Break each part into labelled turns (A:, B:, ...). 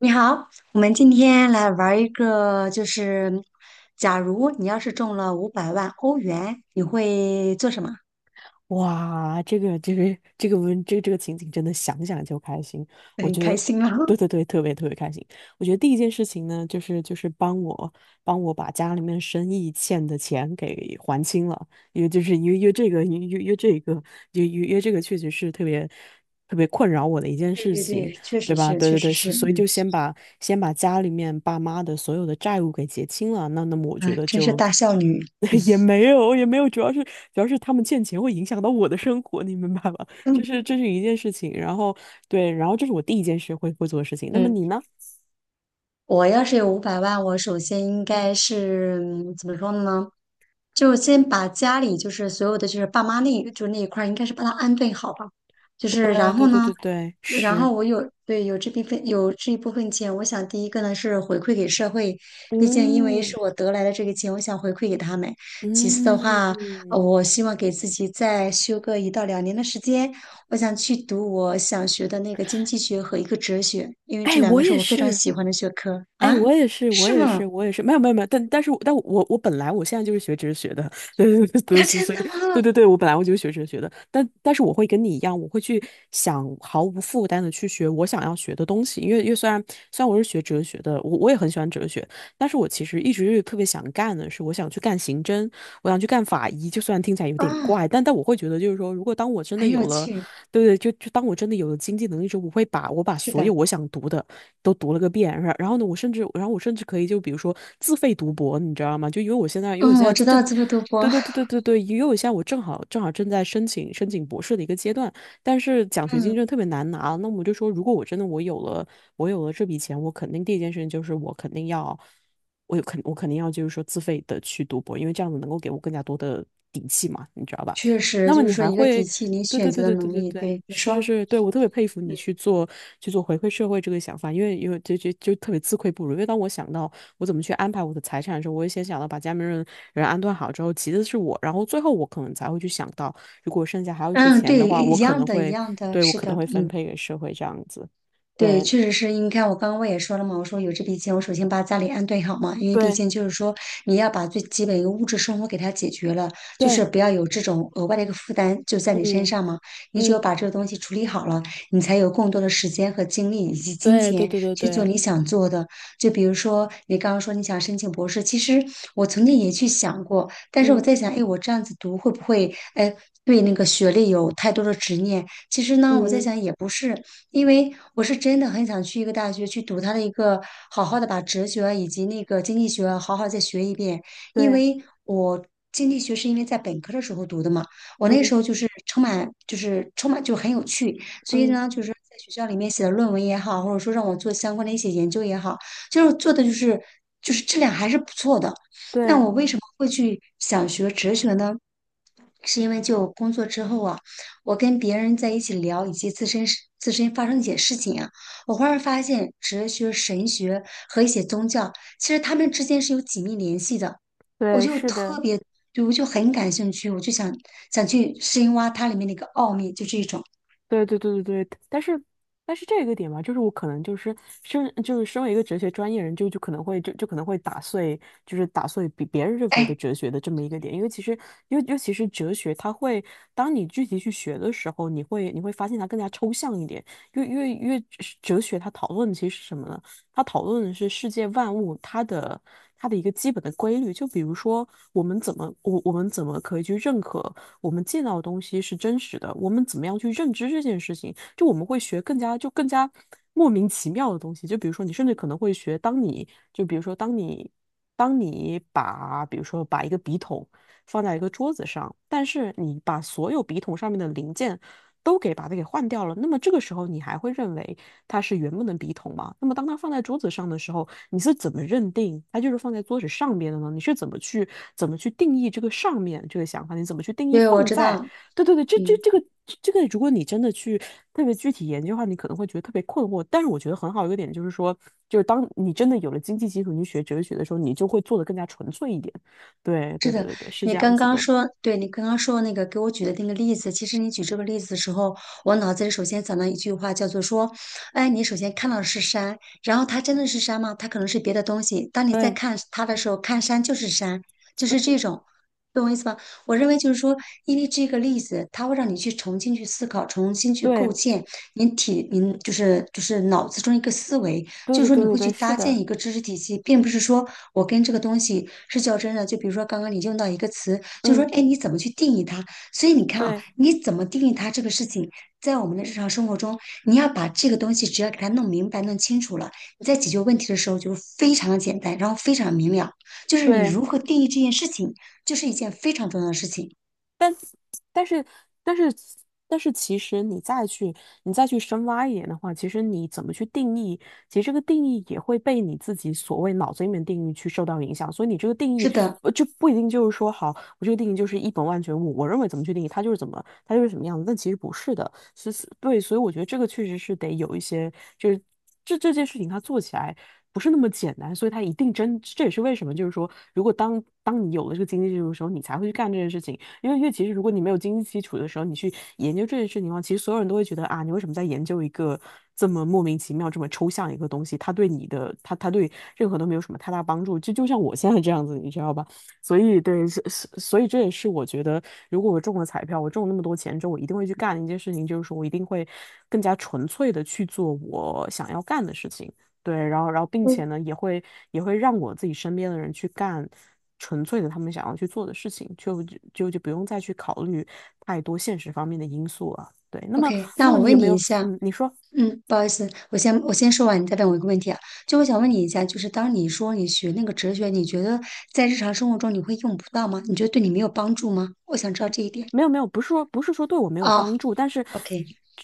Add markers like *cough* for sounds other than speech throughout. A: 你好，我们今天来玩一个，就是假如你要是中了500万欧元，你会做什么？
B: 哇，这个这个这个文这个这个情景真的想想就开心。我
A: 很
B: 觉得
A: 开
B: 我，
A: 心了。
B: 对对
A: *laughs*
B: 对，特别特别开心。我觉得第一件事情呢，就是帮我把家里面生意欠的钱给还清了，因为就是因为因为这个因为因为这个因为因为这个确实是特别特别困扰我的一件
A: 对
B: 事
A: 对
B: 情，
A: 对，确
B: 对
A: 实
B: 吧？
A: 是，
B: 对
A: 确
B: 对对，
A: 实
B: 所
A: 是，
B: 所以
A: 嗯。
B: 就先把家里面爸妈的所有的债务给结清了。那那么我觉
A: 哎，
B: 得
A: 真是
B: 就
A: 大孝女。
B: *laughs* 也没有也没有，主要是他们欠钱会影响到我的生活，你明白吧？*laughs* 这
A: 嗯
B: 是这是一件事情。然后对，然后这是我第一件事会做的事情。那么
A: 嗯，
B: 你呢？
A: 我要是有五百万，我首先应该是怎么说呢？就先把家里就是所有的就是爸妈那一块儿，应该是把它安顿好吧。就是然
B: 对
A: 后
B: 对对
A: 呢，
B: 对对，
A: 然
B: 是，
A: 后我有对有这部分有这一部分钱，我想第一个呢是回馈给社会。毕竟因为
B: 嗯
A: 是我得来的这个钱，我想回馈给他们。其次的话，
B: 嗯，
A: 我希望给自己再休个1到2年的时间，我想去读我想学的那个经济学和一个哲学，因为这
B: 哎，
A: 两
B: 我
A: 个是
B: 也
A: 我非常
B: 是，
A: 喜欢的学科
B: 哎，
A: 啊。
B: 我也是，我
A: 是
B: 也
A: 吗？
B: 是，我也是，没有没有没有，但是我但我我本来我现在就是学哲学的。*laughs* 对对对对，
A: 啊，
B: 所
A: 真
B: 以
A: 的
B: 对
A: 吗？
B: 对对，我本来就是学哲学的，但是我会跟你一样，我会去想毫无负担的去学我想要学的东西。因为虽然我是学哲学的，我也很喜欢哲学，但是我其实一直特别想干的是，我想去干刑侦，我想去干法医。就虽然听起来有点
A: 啊，
B: 怪，但我会觉得就是说，如果当我真的
A: 很
B: 有
A: 有
B: 了。
A: 趣。
B: 对对，就当我真的有了经济能力之后，我会把
A: 是
B: 所有
A: 的，
B: 我想读的都读了个遍。然后呢，我甚至可以就比如说自费读博，你知道吗？就因为我现在因为我
A: 嗯，
B: 现在
A: 我知道
B: 正，
A: 这么多
B: 对
A: 博。
B: 对对对对对，因为我现在我正好正好正在申请申请博士的一个阶段，但是奖学金真
A: 嗯，
B: 的特别难拿。那我就说，如果我真的我有了我有了这笔钱，我肯定第一件事情就是我肯定要。我肯定要就是说自费的去读博，因为这样子能够给我更加多的底气嘛，你知道吧？
A: 确
B: 那
A: 实
B: 么
A: 就是
B: 你
A: 说
B: 还
A: 一个底
B: 会，
A: 气，你
B: 对
A: 选
B: 对
A: 择
B: 对
A: 的
B: 对对
A: 能
B: 对
A: 力。
B: 对，
A: 对，你
B: 是是
A: 说。
B: 是。对我特别佩服你去做回馈社会这个想法，因为就特别自愧不如。因为当我想到我怎么去安排我的财产的时候，我也先想到把家里面人安顿好之后，其次是我，然后最后我可能才会去想到，如果剩下还有一些
A: 嗯，
B: 钱的
A: 对，
B: 话，我
A: 一
B: 可
A: 样
B: 能
A: 的，一
B: 会，
A: 样的，
B: 对，我
A: 是
B: 可能
A: 的，
B: 会分
A: 嗯。
B: 配给社会这样子。
A: 对，
B: 对
A: 确实是因为你看，我刚刚我也说了嘛，我说有这笔钱，我首先把家里安顿好嘛，因为毕
B: 对
A: 竟就是说，你要把最基本一个物质生活给它解决了，就是
B: 对，
A: 不要有这种额外的一个负担就在你身
B: 嗯
A: 上嘛。你只有
B: 嗯，
A: 把这个东西处理好了，你才有更多的时间和精力以及金
B: 对对
A: 钱
B: 对对
A: 去做
B: 对，
A: 你想做的。就比如说你刚刚说你想申请博士，其实我曾经也去想过，但是我
B: 嗯
A: 在想，哎，我这样子读会不会，哎，对那个学历有太多的执念？其实呢，我在
B: 嗯
A: 想也不是。因为我是真的很想去一个大学去读它的一个，好好的把哲学啊以及那个经济学啊好好再学一遍。因
B: 对，
A: 为我经济学是因为在本科的时候读的嘛，我那时
B: 嗯
A: 候就是充满就很有趣，所以
B: 嗯
A: 呢就是在学校里面写的论文也好，或者说让我做相关的一些研究也好，就是做的就是质量还是不错的。那
B: 对
A: 我为什么会去想学哲学呢？是因为就工作之后啊，我跟别人在一起聊以及自身发生一些事情啊，我忽然发现哲学、神学和一些宗教，其实他们之间是有紧密联系的。我
B: 对，
A: 就
B: 是
A: 特
B: 的。
A: 别，就我就很感兴趣，我就想去深挖它里面的一个奥秘，就这一种。
B: 对对对对对，但是这个点吧，就是我可能就是身就是身为一个哲学专业人，就就可能会就就可能会打碎，就是打碎比别人认为的
A: 哎，
B: 哲学的这么一个点。因为其实尤其是哲学，它会当你具体去学的时候，你会发现它更加抽象一点。因为哲学它讨论的其实是什么呢？它讨论的是世界万物它的一个基本的规律，就比如说我们怎么可以去认可。我们见到的东西是真实的，我们怎么样去认知这件事情，就我们会学更加莫名其妙的东西，就比如说你甚至可能会学，当你就比如说当你当你把比如说把一个笔筒放在一个桌子上，但是你把所有笔筒上面的零件都给把它给换掉了，那么这个时候你还会认为它是原本的笔筒吗？那么当它放在桌子上的时候，你是怎么认定它就是放在桌子上面的呢？你是怎么去定义这个上面这个想法？你怎么去定义
A: 对，我
B: 放
A: 知
B: 在？
A: 道，
B: 对对对，这这
A: 嗯。
B: 这个这个，如果你真的去特别具体研究的话，你可能会觉得特别困惑。但是我觉得很好一个点就是说，就是当你真的有了经济基础，你学哲学的时候，你就会做得更加纯粹一点。对对
A: 是
B: 对
A: 的，
B: 对对，是这
A: 你
B: 样
A: 刚
B: 子
A: 刚
B: 的。
A: 说，对你刚刚说那个给我举的那个例子，其实你举这个例子的时候，我脑子里首先想到一句话，叫做说，哎，你首先看到的是山，然后它真的是山吗？它可能是别的东西。当你在
B: 对
A: 看它的时候，看山就是山，就是这种，懂我意思吧？我认为就是说，因为这个例子，它会让你去重新去思考，重新去构
B: 对
A: 建你就是脑子中一个思维，
B: 对
A: 就
B: 对
A: 是说
B: 对
A: 你
B: 对
A: 会去
B: 对，是
A: 搭建
B: 的，
A: 一个知识体系，并不是说我跟这个东西是较真的。就比如说刚刚你用到一个词，就说
B: 嗯，
A: 哎，你怎么去定义它？所以你看啊，
B: 对
A: 你怎么定义它这个事情，在我们的日常生活中，你要把这个东西只要给它弄明白、弄清楚了，你在解决问题的时候就是非常的简单，然后非常明了。就是你
B: 对。
A: 如何定义这件事情，就是一件非常重要的事情。
B: 但但是但是但是，其实你再去深挖一点的话，其实你怎么去定义，其实这个定义也会被你自己所谓脑子里面定义去受到影响。所以你这个定
A: 是
B: 义
A: 的，
B: 就不一定就是说，好，我这个定义就是一本万卷物，我认为怎么去定义它就是怎么它就是什么样子，但其实不是的。是是，对，所以我觉得这个确实是得有一些，就是这件事情它做起来。不是那么简单，所以它一定真，这也是为什么，就是说，如果当你有了这个经济基础的时候，你才会去干这件事情。因为其实如果你没有经济基础的时候，你去研究这件事情的话，其实所有人都会觉得啊，你为什么在研究一个这么莫名其妙、这么抽象一个东西？它对你的，它对任何都没有什么太大帮助。就像我现在这样子，你知道吧？所以对，所以这也是我觉得，如果我中了彩票，我中了那么多钱之后，我一定会去干的一件事情，就是说我一定会更加纯粹的去做我想要干的事情。对，然后并且
A: 嗯
B: 呢，也会让我自己身边的人去干纯粹的他们想要去做的事情，就不用再去考虑太多现实方面的因素了。对，那么
A: ，OK。那我
B: 你有
A: 问
B: 没
A: 你一
B: 有，
A: 下，
B: 你说。
A: 嗯，不好意思，我先说完，你再问我一个问题啊。就我想问你一下，就是当你说你学那个哲学，你觉得在日常生活中你会用不到吗？你觉得对你没有帮助吗？我想知道这一点。
B: 没有没有，不是说对我没有
A: 啊。
B: 帮助，但是
A: o k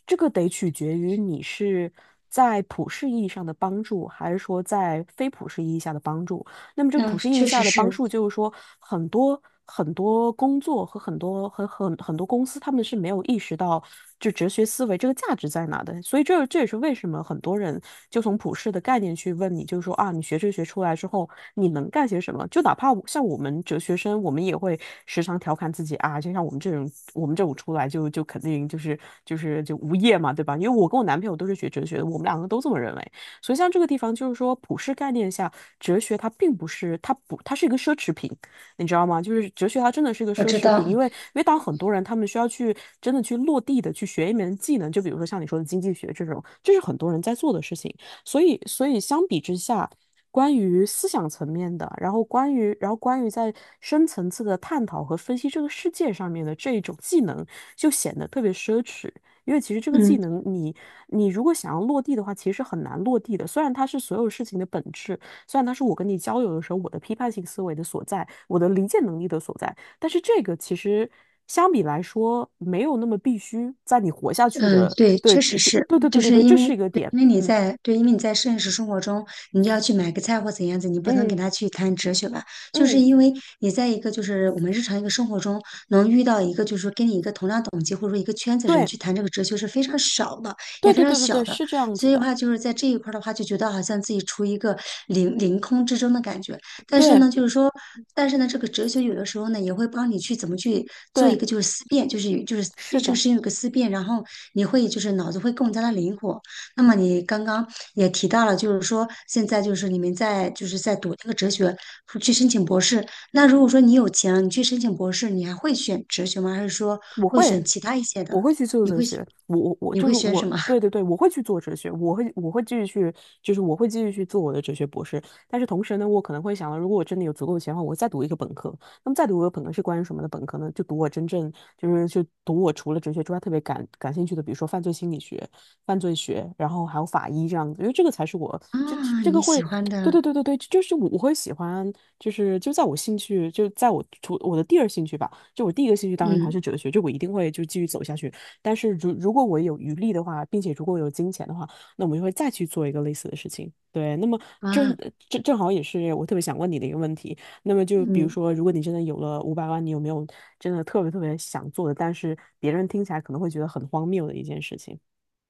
B: 这个得取决于你是在普世意义上的帮助，还是说在非普世意义下的帮助。那么这个
A: 那
B: 普世意义
A: 确实
B: 下的帮
A: 是，
B: 助，就是说很多很多工作和很多公司，他们是没有意识到就哲学思维这个价值在哪的。所以这也是为什么很多人就从普世的概念去问你，就是说啊，你学哲学出来之后，你能干些什么？就哪怕像我们哲学生，我们也会时常调侃自己啊，就像我们这种出来就肯定就是无业嘛，对吧？因为我跟我男朋友都是学哲学的，我们两个都这么认为。所以像这个地方，就是说普世概念下，哲学它并不是，它不，它是一个奢侈品，你知道吗？就是哲学它真的是一个
A: 我
B: 奢
A: 知
B: 侈品，
A: 道。
B: 因为当很多人他们需要去真的去落地的去学一门技能，就比如说像你说的经济学这种，这是很多人在做的事情。所以相比之下。关于思想层面的，然后关于，在深层次的探讨和分析这个世界上面的这一种技能，就显得特别奢侈。因为其实这个技
A: 嗯，
B: 能你如果想要落地的话，其实很难落地的。虽然它是所有事情的本质，虽然它是我跟你交流的时候我的批判性思维的所在，我的理解能力的所在，但是这个其实相比来说没有那么必须在你活下去
A: 嗯，
B: 的。
A: 对，
B: 对，
A: 确实是，
B: 对对对对对，这是一个点。嗯
A: 因为你在现实生活中，你要去买个菜或怎样子，你不能跟
B: 嗯
A: 他去谈哲学吧，就是
B: 嗯，
A: 因为你在一个就是我们日常一个生活中能遇到一个就是说跟你一个同样等级或者说一个圈子人
B: 对
A: 去谈这个哲学是非常少的，也
B: 对
A: 非
B: 对
A: 常
B: 对对
A: 小
B: 对，
A: 的，
B: 是这样
A: 所
B: 子
A: 以的
B: 的。
A: 话就是在这一块儿的话，就觉得好像自己处于一个凌空之中的感觉。但是
B: 对
A: 呢，就是说，但是呢，这个哲学有的时候呢，也会帮你去怎么去做一
B: 对，
A: 个就是思辨，就是有就是
B: 是
A: 对这个
B: 的，
A: 事情有个思辨，然后你会就是脑子会更加的灵活。那么你刚刚也提到了，就是说现在就是你们在就是在读那个哲学，去申请博士。那如果说你有钱了，你去申请博士，你还会选哲学吗？还是说
B: 我
A: 会选
B: 会。
A: 其他一些的？
B: 我会去做
A: 你
B: 哲
A: 会
B: 学，我我我
A: 你
B: 就
A: 会
B: 是
A: 选
B: 我，
A: 什么
B: 对对对，我会去做哲学，我会继续去，就是我会继续去做我的哲学博士。但是同时呢，我可能会想到，如果我真的有足够的钱的话，我会再读一个本科。那么再读一个本科是关于什么的本科呢？就读我真正就是就读我除了哲学之外特别感兴趣的，比如说犯罪心理学、犯罪学，然后还有法医这样子，因为这个才是我
A: *laughs*
B: 这这
A: 啊？
B: 这个
A: 你喜
B: 会。
A: 欢
B: 对
A: 的，
B: 对对对对，就是我会喜欢，就是就在我的第二兴趣吧。就我第一个兴趣当然还
A: 嗯
B: 是哲学，就我一定会就继续走下去。但是如果我有余力的话，并且如果有金钱的话，那我们就会再去做一个类似的事情。对，那么正
A: 啊，
B: 正好也是我特别想问你的一个问题。那么就比如
A: 嗯。
B: 说，如果你真的有了500万，你有没有真的特别特别想做的，但是别人听起来可能会觉得很荒谬的一件事情？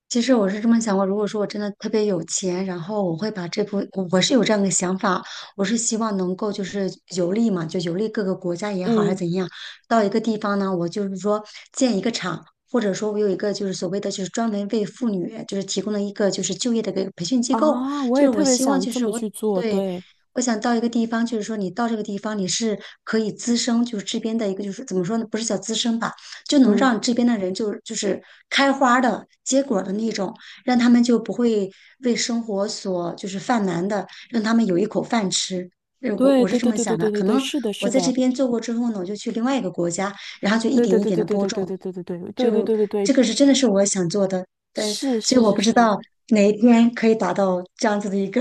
A: 其实我是这么想过，如果说我真的特别有钱，然后我会把这部，我是有这样的想法，我是希望能够就是游历嘛，就游历各个国家也好，还是
B: 嗯，
A: 怎样，到一个地方呢，我就是说建一个厂，或者说我有一个就是所谓的就是专门为妇女就是提供的一个就是就业的一个培训机构，
B: 啊，我
A: 就
B: 也
A: 是
B: 特
A: 我
B: 别
A: 希望
B: 想
A: 就
B: 这
A: 是
B: 么
A: 我
B: 去做，
A: 对。
B: 对，
A: 我想到一个地方，就是说你到这个地方，你是可以滋生，就是这边的一个，就是怎么说呢？不是叫滋生吧，就能
B: 嗯，
A: 让这边的人就是开花的结果的那种，让他们就不会为生活所就是犯难的，让他们有一口饭吃。我
B: 对
A: 我是
B: 对
A: 这
B: 对
A: 么
B: 对对
A: 想的，
B: 对对
A: 可
B: 对，
A: 能
B: 是的，
A: 我
B: 是
A: 在这
B: 的，
A: 边做过之后呢，我就去另外一个国家，然后就一
B: 对
A: 点
B: 对
A: 一
B: 对
A: 点
B: 对
A: 的
B: 对
A: 播
B: 对对对对
A: 种，
B: 对对对对
A: 就
B: 对对对，
A: 这个是真的是我想做的，但
B: 是
A: 所以
B: 是
A: 我
B: 是
A: 不知
B: 是，
A: 道哪一天可以达到这样子的一个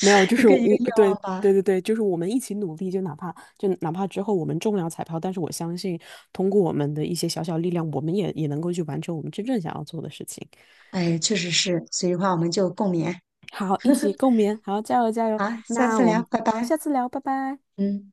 B: 没有，就
A: 一
B: 是
A: 个
B: 我，
A: 一个愿
B: 对
A: 望吧。
B: 对对对，就是我们一起努力，就哪怕之后我们中不了彩票，但是我相信通过我们的一些小小力量，我们也能够去完成我们真正想要做的事情。
A: 哎，确实是，所以的话我们就共勉
B: 好，一起共勉，好，加油加油！
A: 啊，下
B: 那
A: 次
B: 我
A: 聊，
B: 们
A: 拜
B: 好，
A: 拜，
B: 下次聊，拜拜。
A: 嗯。